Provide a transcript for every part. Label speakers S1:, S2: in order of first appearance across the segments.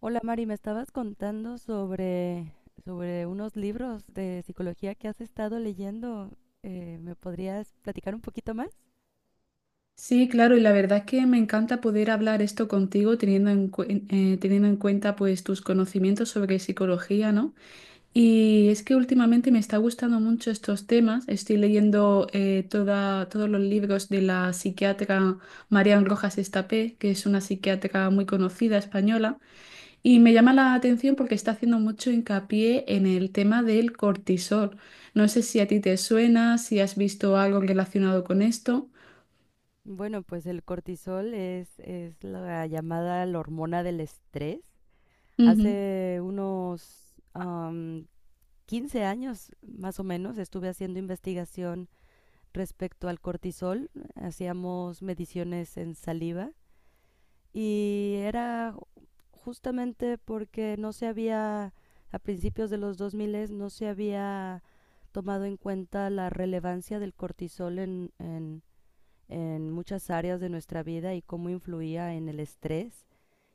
S1: Hola Mari, me estabas contando sobre unos libros de psicología que has estado leyendo. ¿me podrías platicar un poquito más?
S2: Sí, claro, y la verdad es que me encanta poder hablar esto contigo teniendo en cuenta pues tus conocimientos sobre psicología, ¿no? Y es que últimamente me está gustando mucho estos temas. Estoy leyendo todos los libros de la psiquiatra Marian Rojas Estapé, que es una psiquiatra muy conocida española, y me llama la atención porque está haciendo mucho hincapié en el tema del cortisol. No sé si a ti te suena, si has visto algo relacionado con esto.
S1: Bueno, pues el cortisol es la llamada la hormona del estrés.
S2: Ujú.
S1: Hace unos 15 años más o menos estuve haciendo investigación respecto al cortisol. Hacíamos mediciones en saliva y era justamente porque no se había, a principios de los 2000, no se había tomado en cuenta la relevancia del cortisol en muchas áreas de nuestra vida y cómo influía en el estrés,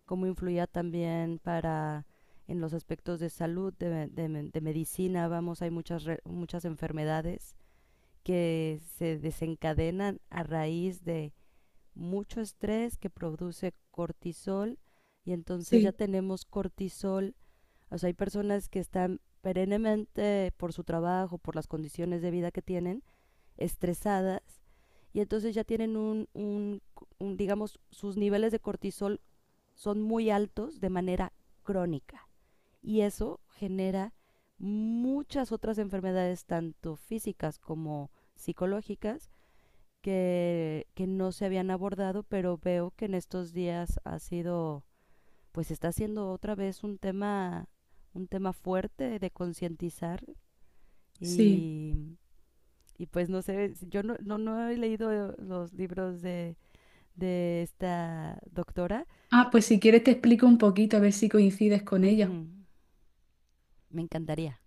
S1: cómo influía también para en los aspectos de salud, de medicina. Vamos, hay muchas, muchas enfermedades que se desencadenan a raíz de mucho estrés que produce cortisol, y entonces ya
S2: Sí.
S1: tenemos cortisol. O sea, hay personas que están perennemente por su trabajo, por las condiciones de vida que tienen, estresadas, y entonces ya tienen un, digamos, sus niveles de cortisol son muy altos de manera crónica, y eso genera muchas otras enfermedades, tanto físicas como psicológicas, que no se habían abordado, pero veo que en estos días ha sido, pues está siendo otra vez un tema fuerte de concientizar.
S2: Sí.
S1: Y, y pues no sé, si yo no he leído los libros de esta doctora.
S2: Ah, pues si quieres te explico un poquito a ver si coincides con ella.
S1: Ujú. Me encantaría.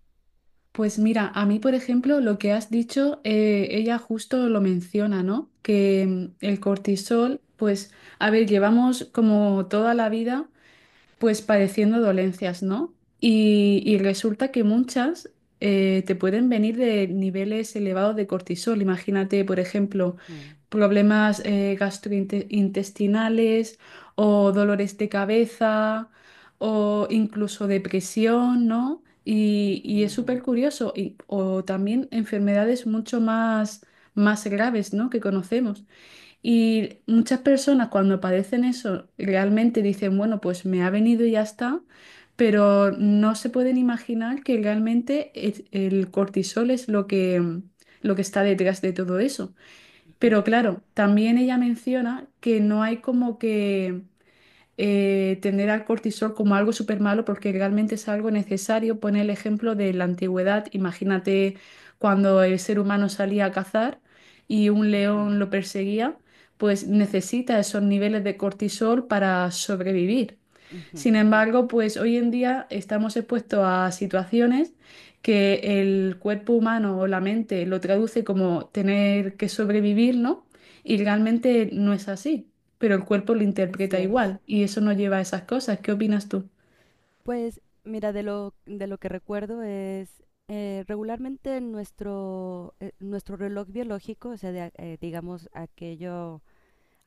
S2: Pues mira, a mí, por ejemplo, lo que has dicho, ella justo lo menciona, ¿no? Que el cortisol, pues, a ver, llevamos como toda la vida, pues padeciendo dolencias, ¿no? Y resulta que muchas te pueden venir de niveles elevados de cortisol. Imagínate, por ejemplo,
S1: Ujú,
S2: problemas gastrointestinales, o dolores de cabeza, o incluso depresión, ¿no? Y,
S1: ujú,
S2: y es
S1: ujú,
S2: súper curioso. O también enfermedades mucho más, más graves, ¿no? Que conocemos. Y muchas personas cuando padecen eso realmente dicen, bueno, pues me ha venido y ya está, pero no se pueden imaginar que realmente el cortisol es lo que está detrás de todo eso.
S1: ujú,
S2: Pero claro, también ella menciona que no hay como que tener al cortisol como algo súper malo, porque realmente es algo necesario. Pone el ejemplo de la antigüedad. Imagínate cuando el ser humano salía a cazar y un león
S1: ujú,
S2: lo perseguía, pues necesita esos niveles de cortisol para sobrevivir.
S1: ujú,
S2: Sin
S1: ujú.
S2: embargo, pues hoy en día estamos expuestos a situaciones que el cuerpo humano o la mente lo traduce como tener que sobrevivir, ¿no? Y realmente no es así, pero el cuerpo lo
S1: Así
S2: interpreta
S1: es.
S2: igual y eso nos lleva a esas cosas. ¿Qué opinas tú?
S1: Pues mira, de lo que recuerdo es regularmente nuestro reloj biológico, o sea, digamos, aquello,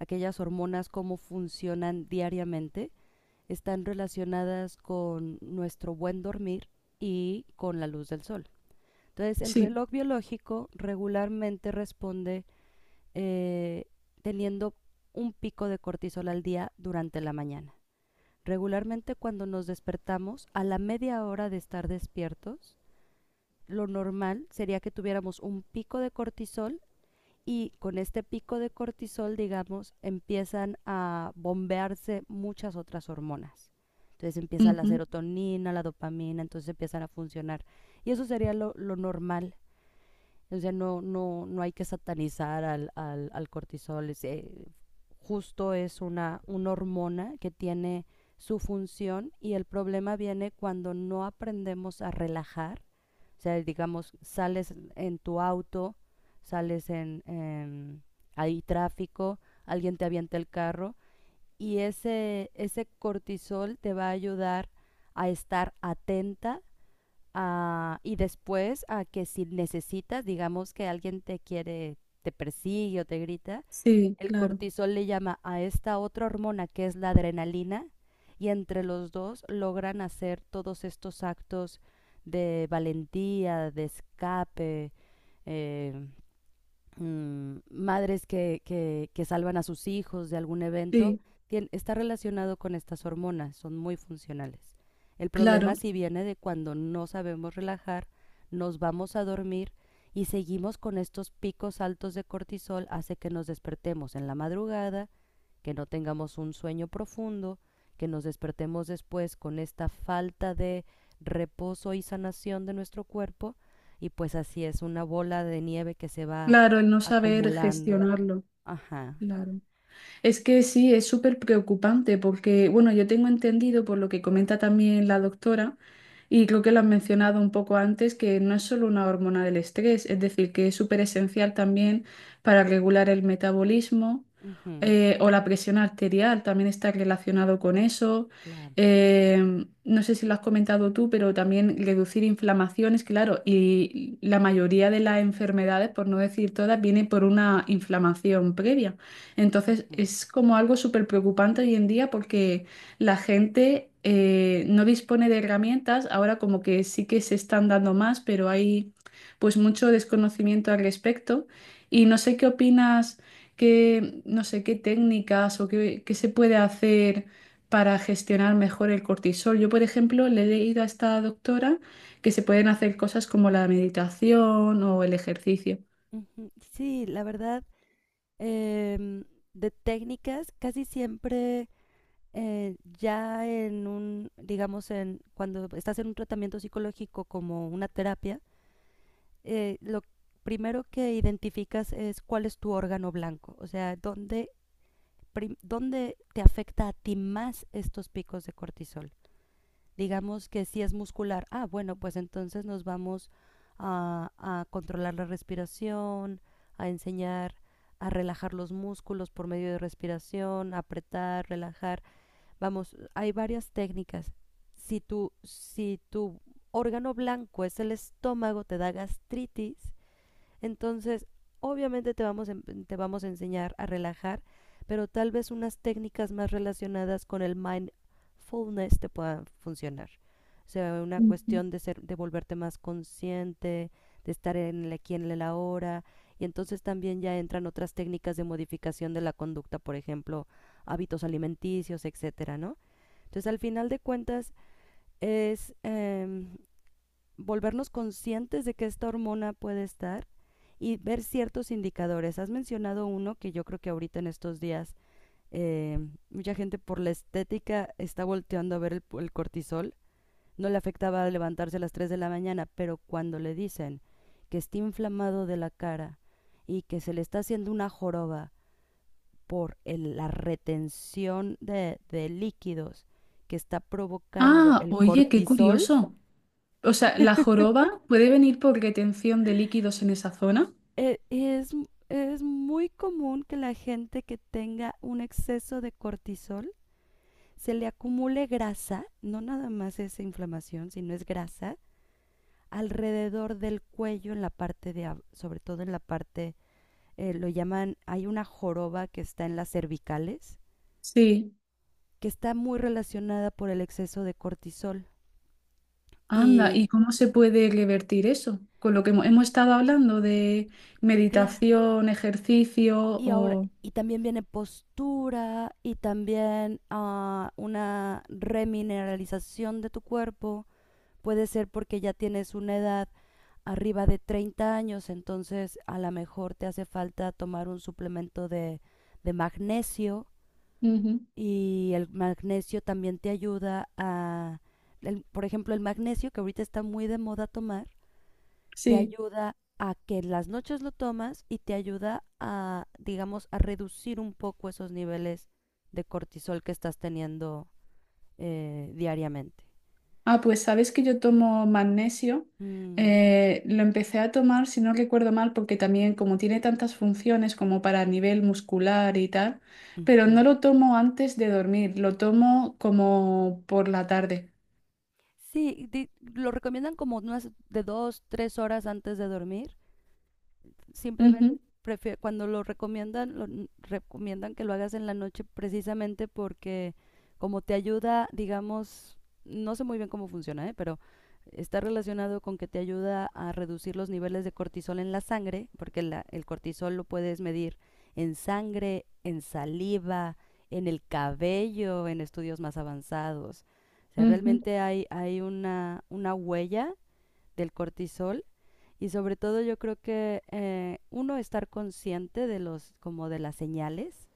S1: aquellas hormonas, cómo funcionan diariamente, están relacionadas con nuestro buen dormir y con la luz del sol. Entonces, el
S2: Sí.
S1: reloj biológico regularmente responde, eh, teniendo un pico de cortisol al día durante la mañana. Regularmente cuando nos despertamos, a la media hora de estar despiertos, lo normal sería que tuviéramos un pico de cortisol, y con este pico de cortisol, digamos, empiezan a bombearse muchas otras hormonas. Entonces empieza la
S2: Ujú.
S1: serotonina, la dopamina, entonces empiezan a funcionar. Y eso sería lo normal. O sea, no hay que satanizar al cortisol. Es, justo es una hormona que tiene su función, y el problema viene cuando no aprendemos a relajar. O sea, digamos, sales en tu auto, sales en, hay tráfico, alguien te avienta el carro, y ese cortisol te va a ayudar a estar atenta. Ah, y después a que si necesitas, digamos que alguien te quiere, te persigue o te grita,
S2: Sí,
S1: el
S2: claro.
S1: cortisol le llama a esta otra hormona que es la adrenalina, y entre los dos logran hacer todos estos actos de valentía, de escape, eh, madres que salvan a sus hijos de algún evento,
S2: Sí,
S1: está relacionado con estas hormonas, son muy funcionales. El problema
S2: claro.
S1: sí viene de cuando no sabemos relajar, nos vamos a dormir y seguimos con estos picos altos de cortisol, hace que nos despertemos en la madrugada, que no tengamos un sueño profundo, que nos despertemos después con esta falta de reposo y sanación de nuestro cuerpo, y pues así es una bola de nieve que se va
S2: Claro, el no saber
S1: acumulando.
S2: gestionarlo.
S1: Ajá.
S2: Claro. Es que sí, es súper preocupante porque, bueno, yo tengo entendido por lo que comenta también la doctora, y creo que lo has mencionado un poco antes, que no es solo una hormona del estrés, es decir, que es súper esencial también para regular el metabolismo,
S1: Ujú.
S2: o la presión arterial, también está relacionado con eso.
S1: Claro.
S2: No sé si lo has comentado tú, pero también reducir inflamaciones, claro, y la mayoría de las enfermedades, por no decir todas, viene por una inflamación previa. Entonces
S1: Ujú,
S2: es como algo súper preocupante hoy en día porque la gente no dispone de herramientas, ahora como que sí que se están dando más, pero hay pues mucho desconocimiento al respecto, y no sé qué opinas, qué, no sé qué técnicas o qué, qué se puede hacer para gestionar mejor el cortisol. Yo, por ejemplo, le he leído a esta doctora que se pueden hacer cosas como la meditación o el ejercicio.
S1: ujú. Sí, la verdad, em, de técnicas casi siempre ya en un, digamos, en cuando estás en un tratamiento psicológico como una terapia, lo primero que identificas es cuál es tu órgano blanco, o sea, dónde, dónde te afecta a ti más estos picos de cortisol. Digamos que si es muscular, ah, bueno, pues entonces nos vamos a controlar la respiración, a enseñar a relajar los músculos por medio de respiración, apretar, relajar. Vamos, hay varias técnicas. Si tu órgano blanco es el estómago, te da gastritis. Entonces, obviamente te vamos a enseñar a relajar, pero tal vez unas técnicas más relacionadas con el mindfulness te puedan funcionar. O sea, una
S2: Ujú.
S1: cuestión de ser, de volverte más consciente, de estar en el aquí en el ahora. Y entonces también ya entran otras técnicas de modificación de la conducta, por ejemplo, hábitos alimenticios, etcétera, ¿no? Entonces, al final de cuentas, es volvernos conscientes de que esta hormona puede estar, y ver ciertos indicadores. Has mencionado uno que yo creo que ahorita en estos días eh, mucha gente por la estética está volteando a ver el cortisol. No le afectaba levantarse a las 3 de la mañana, pero cuando le dicen que está inflamado de la cara y que se le está haciendo una joroba por el, la retención de líquidos que está provocando
S2: Ah,
S1: el
S2: oye, qué
S1: cortisol,
S2: curioso. O sea, ¿la joroba puede venir por retención de líquidos en esa zona?
S1: eh, es, es muy común que la gente que tenga un exceso de cortisol se le acumule grasa, no nada más es inflamación, sino es grasa, alrededor del cuello, en la parte de, sobre todo en la parte, lo llaman, hay una joroba que está en las cervicales,
S2: Sí.
S1: que está muy relacionada por el exceso de cortisol.
S2: Anda,
S1: Y
S2: ¿y cómo se puede revertir eso? Con lo que hemos estado hablando de
S1: claro,
S2: meditación, ejercicio
S1: y ahora,
S2: o…
S1: y también viene postura y también ah, una remineralización de tu cuerpo. Puede ser porque ya tienes una edad arriba de 30 años, entonces a lo mejor te hace falta tomar un suplemento de magnesio,
S2: Ujú.
S1: y el magnesio también te ayuda a, por ejemplo, el magnesio que ahorita está muy de moda tomar te
S2: Sí.
S1: ayuda a que las noches lo tomas, y te ayuda a, digamos, a reducir un poco esos niveles de cortisol que estás teniendo diariamente.
S2: Ah, pues sabes que yo tomo magnesio.
S1: Mm.
S2: Lo empecé a tomar, si no recuerdo mal, porque también como tiene tantas funciones como para nivel muscular y tal, pero no
S1: Ujú.
S2: lo tomo antes de dormir, lo tomo como por la tarde.
S1: Sí, lo recomiendan como unas de dos, tres horas antes de dormir simplemente.
S2: Ujú,
S1: Prefiero, cuando lo recomiendan, recomiendan que lo hagas en la noche precisamente porque como te ayuda, digamos, no sé muy bien cómo funciona, ¿eh? Pero está relacionado con que te ayuda a reducir los niveles de cortisol en la sangre, porque el cortisol lo puedes medir en sangre, en saliva, en el cabello, en estudios más avanzados. O sea,
S2: ujú.
S1: realmente hay, hay una huella del cortisol, y sobre todo yo creo que uno estar consciente de los, como de las señales,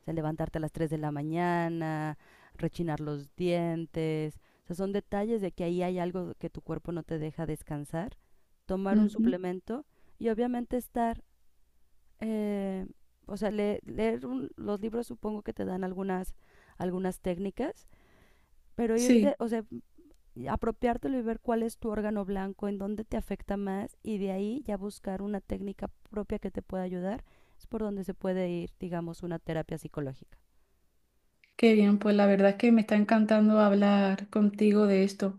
S1: o sea, levantarte a las 3 de la mañana, rechinar los dientes, o sea, son detalles de que ahí hay algo que tu cuerpo no te deja descansar, tomar un
S2: Ujú.
S1: suplemento y obviamente estar, eh, o sea, leer los libros supongo que te dan algunas, algunas técnicas, pero
S2: Sí,
S1: irte, o sea, apropiártelo y ver cuál es tu órgano blanco, en dónde te afecta más, y de ahí ya buscar una técnica propia que te pueda ayudar. Es por donde se puede ir, digamos, una terapia psicológica.
S2: qué bien, pues la verdad es que me está encantando hablar contigo de esto.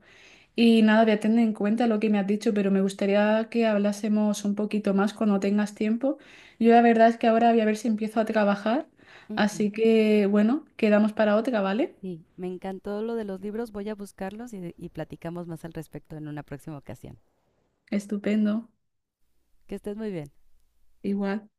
S2: Y nada, voy a tener en cuenta lo que me has dicho, pero me gustaría que hablásemos un poquito más cuando tengas tiempo. Yo la verdad es que ahora voy a ver si empiezo a trabajar,
S1: Ujú.
S2: así que bueno, quedamos para otra, ¿vale?
S1: Sí, me encantó lo de los libros, voy a buscarlos y platicamos más al respecto en una próxima ocasión.
S2: Estupendo,
S1: Que estés muy bien.
S2: igual.